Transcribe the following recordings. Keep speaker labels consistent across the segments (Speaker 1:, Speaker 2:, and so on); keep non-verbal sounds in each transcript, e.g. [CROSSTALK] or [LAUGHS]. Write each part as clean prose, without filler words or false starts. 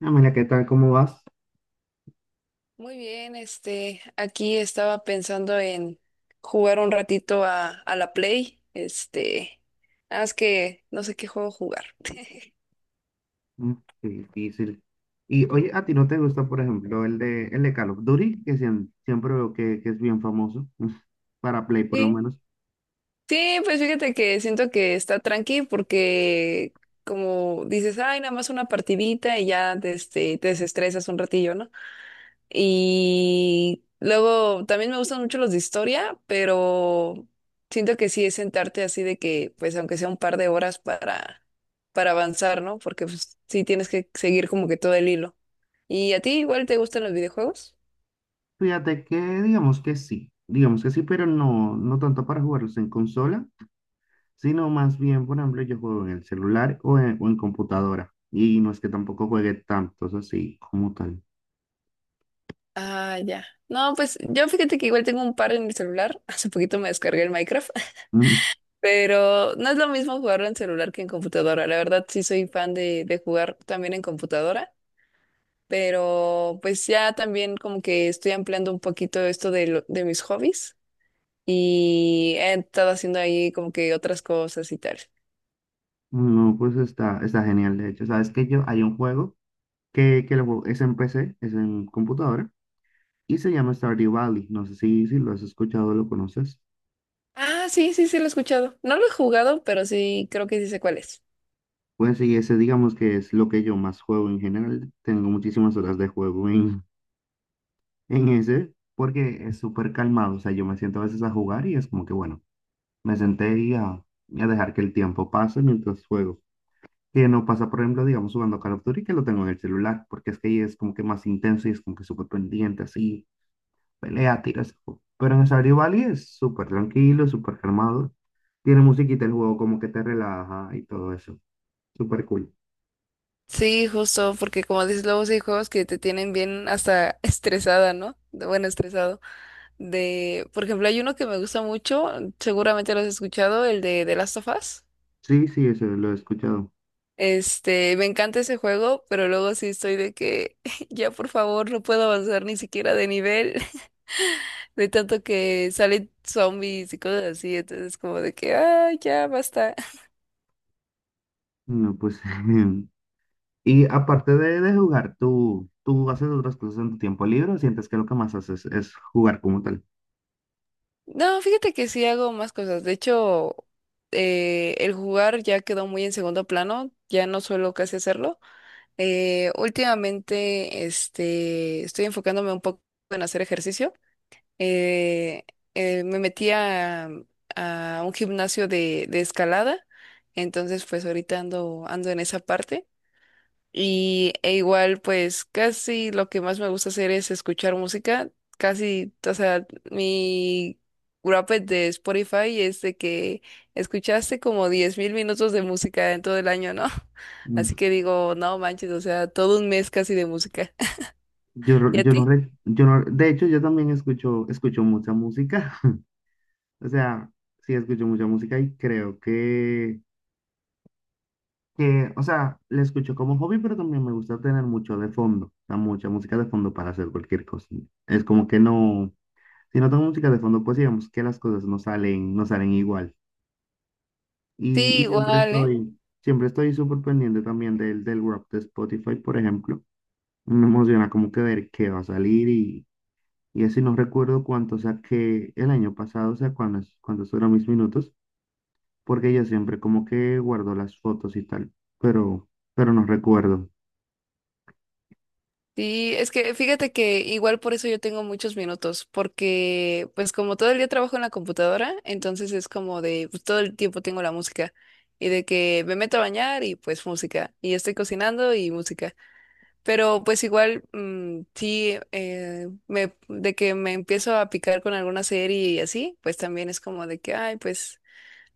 Speaker 1: Ah, mira, ¿qué tal? ¿Cómo vas?
Speaker 2: Muy bien, aquí estaba pensando en jugar un ratito a la Play, nada más que no sé qué juego jugar. [LAUGHS]
Speaker 1: Mm, qué difícil. Y oye, ¿a ti no te gusta, por ejemplo, el de Call of Duty? Que siempre veo que es bien famoso, [LAUGHS] para Play por lo
Speaker 2: Sí,
Speaker 1: menos.
Speaker 2: sí, pues fíjate que siento que está tranqui porque como dices, ay, nada más una partidita y ya te desestresas un ratillo, ¿no? Y luego también me gustan mucho los de historia, pero siento que sí es sentarte así de que, pues aunque sea un par de horas para avanzar, ¿no? Porque pues, sí tienes que seguir como que todo el hilo. ¿Y a ti igual te gustan los videojuegos?
Speaker 1: Fíjate que digamos que sí, pero no, no tanto para jugarlos en consola, sino más bien, por ejemplo, yo juego en el celular o en computadora. Y no es que tampoco juegue tantos así como tal.
Speaker 2: Ah, ya. No, pues yo fíjate que igual tengo un par en mi celular. [LAUGHS] Hace poquito me descargué el Minecraft,
Speaker 1: Mm.
Speaker 2: [LAUGHS] pero no es lo mismo jugarlo en celular que en computadora. La verdad sí soy fan de jugar también en computadora. Pero pues ya también como que estoy ampliando un poquito esto de, de mis hobbies, y he estado haciendo ahí como que otras cosas y tal.
Speaker 1: No, pues está genial, de hecho. Sabes que yo, hay un juego que es en PC, es en computadora. Y se llama Stardew Valley. No sé si lo has escuchado o lo conoces.
Speaker 2: Ah, sí, sí, sí, lo he escuchado. No lo he jugado, pero sí creo que sí sé cuál es.
Speaker 1: Pues sí, ese digamos que es lo que yo más juego en general. Tengo muchísimas horas de juego en, [LAUGHS] en ese porque es súper calmado. O sea, yo me siento a veces a jugar y es como que, bueno, me senté y a dejar que el tiempo pase mientras juego. Que no pasa, por ejemplo, digamos, jugando Call of Duty, que lo tengo en el celular, porque es que ahí es como que más intenso y es como que súper pendiente, así. Pelea, tiras. Pero en Stardew Valley es súper tranquilo, súper calmado. Tiene musiquita el juego, como que te relaja y todo eso. Súper cool.
Speaker 2: Sí, justo, porque como dices, luego sí hay juegos que te tienen bien hasta [LAUGHS] estresada, ¿no? Bueno, estresado. De, por ejemplo, hay uno que me gusta mucho, seguramente lo has escuchado, el de The Last of Us.
Speaker 1: Sí, sí, eso lo he escuchado.
Speaker 2: Me encanta ese juego, pero luego sí estoy de que [LAUGHS] ya por favor no puedo avanzar ni siquiera de nivel, [LAUGHS] de tanto que salen zombies y cosas así, entonces como de que, ah, ya basta. [LAUGHS]
Speaker 1: No, pues. [LAUGHS] Y aparte de jugar, ¿tú haces otras cosas en tu tiempo libre o sientes que lo que más haces es jugar como tal?
Speaker 2: No, fíjate que sí hago más cosas, de hecho, el jugar ya quedó muy en segundo plano, ya no suelo casi hacerlo. Últimamente, estoy enfocándome un poco en hacer ejercicio. eh, me metí a un gimnasio de escalada, entonces pues ahorita ando, ando en esa parte. Y e igual pues casi lo que más me gusta hacer es escuchar música, casi, o sea, mi wrapped de Spotify es de que escuchaste como 10.000 minutos de música en todo el año, ¿no? [LAUGHS] Así
Speaker 1: Mm.
Speaker 2: que digo, no manches, o sea, todo un mes casi de música. [LAUGHS] ¿Y a ti?
Speaker 1: Yo no, de hecho, yo también escucho mucha música. [LAUGHS] O sea, sí escucho mucha música y creo que, o sea, la escucho como hobby, pero también me gusta tener mucho de fondo, o sea, mucha música de fondo para hacer cualquier cosa. Es como que no, si no tengo música de fondo, pues digamos que las cosas no salen, no salen igual. Y,
Speaker 2: Sí,
Speaker 1: y siempre
Speaker 2: igual, ¿eh?
Speaker 1: estoy, siempre estoy súper pendiente también del rap de Spotify, por ejemplo. Me emociona como que ver qué va a salir y así no recuerdo cuánto saqué el año pasado, o sea, cuántos fueron mis minutos, porque yo siempre como que guardo las fotos y tal, pero, pero no recuerdo.
Speaker 2: Sí, es que fíjate que igual por eso yo tengo muchos minutos, porque pues como todo el día trabajo en la computadora, entonces es como de pues, todo el tiempo tengo la música, y de que me meto a bañar y pues música y estoy cocinando y música, pero pues igual, sí, me de que me empiezo a picar con alguna serie y así, pues también es como de que ay pues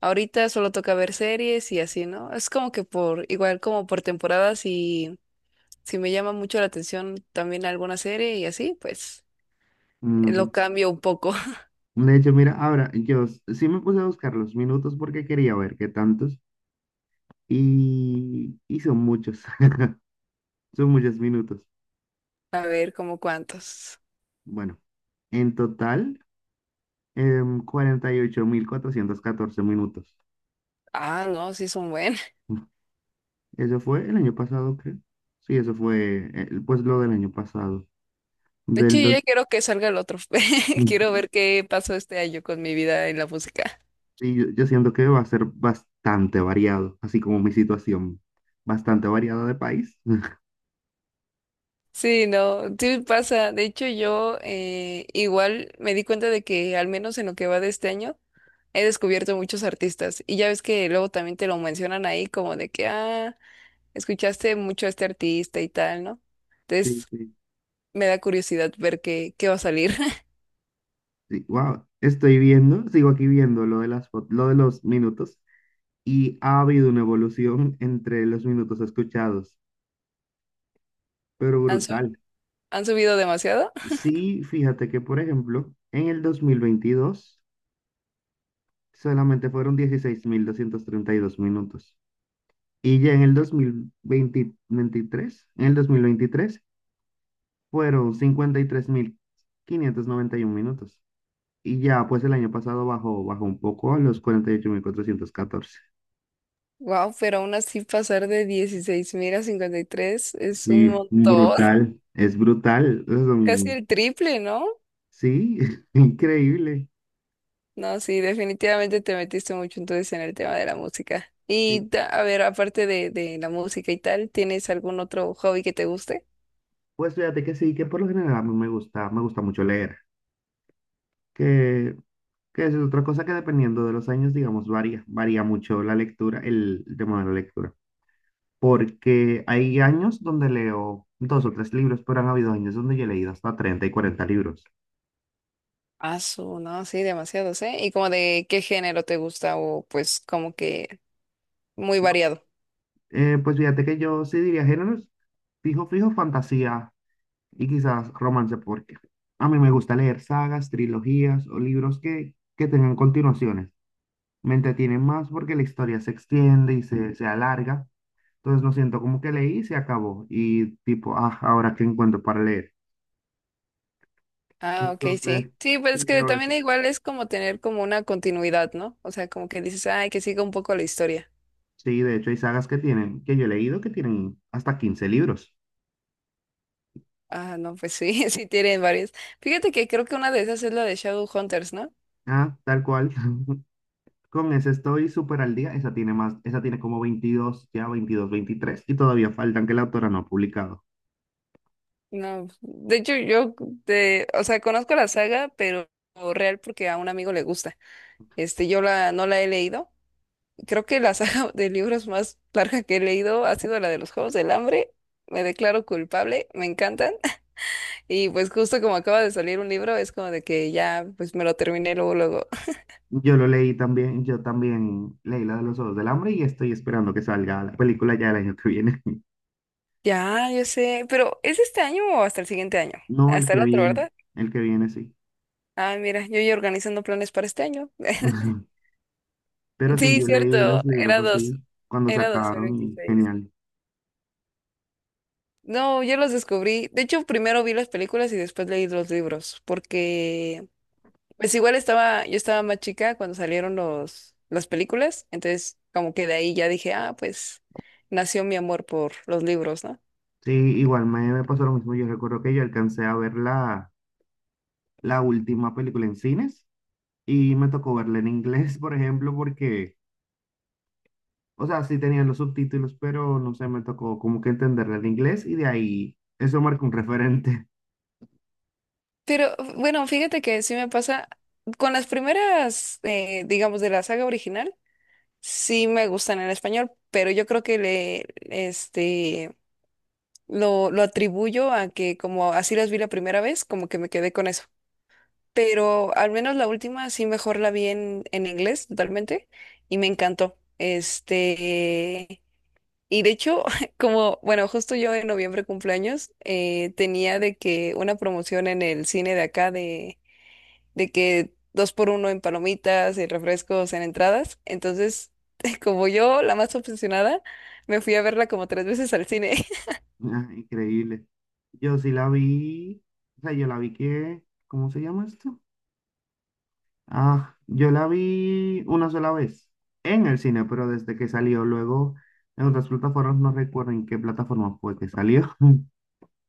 Speaker 2: ahorita solo toca ver series y así, ¿no? Es como que por igual como por temporadas, si me llama mucho la atención también alguna serie y así, pues lo
Speaker 1: No.
Speaker 2: cambio un poco.
Speaker 1: De hecho, mira, ahora yo sí me puse a buscar los minutos porque quería ver qué tantos y son muchos, [LAUGHS] son muchos minutos.
Speaker 2: [LAUGHS] A ver, como cuántos.
Speaker 1: Bueno, en total, 48.414 minutos.
Speaker 2: Ah, no, sí son buenos. [LAUGHS]
Speaker 1: [LAUGHS] Eso fue el año pasado, creo. Sí, eso fue pues lo del año pasado.
Speaker 2: De hecho,
Speaker 1: Del
Speaker 2: yo
Speaker 1: dos.
Speaker 2: ya quiero que salga el otro. [LAUGHS] Quiero ver qué pasó este año con mi vida en la música.
Speaker 1: Sí, yo siento que va a ser bastante variado, así como mi situación, bastante variada de país. [LAUGHS]
Speaker 2: Sí, no, sí pasa. De hecho, yo, igual me di cuenta de que al menos en lo que va de este año, he descubierto muchos artistas. Y ya ves que luego también te lo mencionan ahí como de que, ah, escuchaste mucho a este artista y tal, ¿no?
Speaker 1: Sí,
Speaker 2: Entonces
Speaker 1: sí.
Speaker 2: me da curiosidad ver qué va a salir. [LAUGHS]
Speaker 1: Wow, estoy viendo, sigo aquí viendo lo de los minutos y ha habido una evolución entre los minutos escuchados, pero
Speaker 2: ¿Han, su-
Speaker 1: brutal.
Speaker 2: han subido demasiado?
Speaker 1: Sí, fíjate que, por ejemplo, en el 2022 solamente fueron 16.232 minutos y ya en el 2023 fueron cincuenta y tres mil quinientos noventa y uno minutos y ya pues el año pasado bajó un poco a los 48.414.
Speaker 2: Wow, pero aún así pasar de 16.000 a 53 es un
Speaker 1: Sí,
Speaker 2: montón.
Speaker 1: brutal, es brutal.
Speaker 2: [LAUGHS] Casi el triple, ¿no?
Speaker 1: Sí, [LAUGHS] increíble.
Speaker 2: No, sí, definitivamente te metiste mucho entonces en el tema de la música. Y
Speaker 1: Sí.
Speaker 2: a ver, aparte de la música y tal, ¿tienes algún otro hobby que te guste?
Speaker 1: Pues fíjate que sí, que por lo general a mí me gusta mucho leer, que, que eso es otra cosa que dependiendo de los años, digamos, varía mucho la lectura, el tema de la lectura. Porque hay años donde leo dos o tres libros, pero han habido años donde yo he leído hasta 30 y 40 libros.
Speaker 2: Ah, no, sí, demasiados, ¿eh? ¿Y como de qué género te gusta o pues como que muy
Speaker 1: No,
Speaker 2: variado?
Speaker 1: pues fíjate que yo sí diría géneros, fijo, fijo, fantasía. Y quizás romance, porque a mí me gusta leer sagas, trilogías o libros que tengan continuaciones. Me entretienen más porque la historia se extiende y se alarga. Entonces no siento como que leí y se acabó. Y tipo, ah, ahora qué encuentro para leer.
Speaker 2: Ah, ok, sí.
Speaker 1: Entonces,
Speaker 2: Sí, pues
Speaker 1: sí
Speaker 2: es que
Speaker 1: leo
Speaker 2: también
Speaker 1: eso.
Speaker 2: igual es como tener como una continuidad, ¿no? O sea, como que dices, ay, que siga un poco la historia.
Speaker 1: Sí, de hecho hay sagas que yo he leído que tienen hasta 15 libros.
Speaker 2: Ah, no, pues sí, [LAUGHS] sí tienen varias. Fíjate que creo que una de esas es la de Shadowhunters, ¿no?
Speaker 1: Ah, tal cual. [LAUGHS] Con esa estoy súper al día. Esa tiene como 22 ya 22 23. Y todavía faltan que la autora no ha publicado.
Speaker 2: No, de hecho yo, o sea, conozco la saga, pero real porque a un amigo le gusta. Yo la, no la he leído. Creo que la [LAUGHS] saga de libros más larga que he leído ha sido la de los Juegos del Hambre. Me declaro culpable, me encantan. Y pues justo como acaba de salir un libro, es como de que ya, pues me lo terminé luego, luego. [LAUGHS]
Speaker 1: Yo lo leí también, yo también leí la de los Ojos del Hambre y estoy esperando que salga la película ya el año que viene. [LAUGHS]
Speaker 2: Ya, yo sé, pero ¿es este año o hasta el siguiente año?
Speaker 1: No,
Speaker 2: Hasta el otro, ¿verdad?
Speaker 1: el que viene sí.
Speaker 2: Ah, mira, yo ya organizando planes para este año. [LAUGHS]
Speaker 1: [LAUGHS] Pero sí,
Speaker 2: Sí,
Speaker 1: yo
Speaker 2: cierto,
Speaker 1: leí los libros
Speaker 2: era dos,
Speaker 1: así cuando
Speaker 2: era dos mil
Speaker 1: sacaron y
Speaker 2: veintiséis
Speaker 1: genial.
Speaker 2: No, yo los descubrí. De hecho, primero vi las películas y después leí los libros, porque pues igual yo estaba más chica cuando salieron las películas, entonces como que de ahí ya dije, ah, pues nació mi amor por los libros, ¿no?
Speaker 1: Sí, igual me pasó lo mismo. Yo recuerdo que yo alcancé a ver la última película en cines y me tocó verla en inglés, [LAUGHS] por ejemplo, porque, o sea, sí tenían los subtítulos, pero no sé, me tocó como que entenderla en inglés y de ahí eso marca un referente.
Speaker 2: Pero bueno, fíjate que sí me pasa con las primeras, digamos, de la saga original, sí me gustan en español, pero yo creo que lo atribuyo a que como así las vi la primera vez, como que me quedé con eso. Pero al menos la última sí mejor la vi en inglés totalmente y me encantó. Y de hecho, [LAUGHS] como, bueno, justo yo en noviembre cumpleaños, tenía de que una promoción en el cine de acá de que dos por uno en palomitas y refrescos en entradas. Entonces, [LAUGHS] como yo, la más obsesionada, me fui a verla como tres veces al cine. [LAUGHS]
Speaker 1: Ah, increíble. Yo sí la vi, o sea, yo la vi que, ¿cómo se llama esto? Ah, yo la vi una sola vez en el cine, pero desde que salió, luego en otras plataformas, no recuerdo en qué plataforma fue que salió, [LAUGHS]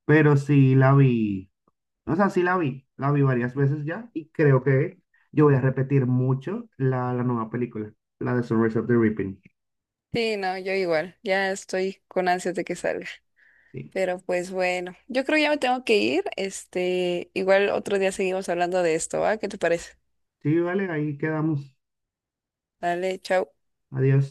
Speaker 1: pero sí la vi, o sea, sí la vi varias veces ya y creo que yo voy a repetir mucho la nueva película, la de Sunrise of the Reaping.
Speaker 2: Sí, no, yo igual, ya estoy con ansias de que salga.
Speaker 1: Sí,
Speaker 2: Pero pues bueno, yo creo ya me tengo que ir. Igual otro día seguimos hablando de esto, ¿va? ¿Qué te parece?
Speaker 1: sí, vale, ahí quedamos.
Speaker 2: Dale, chao.
Speaker 1: Adiós.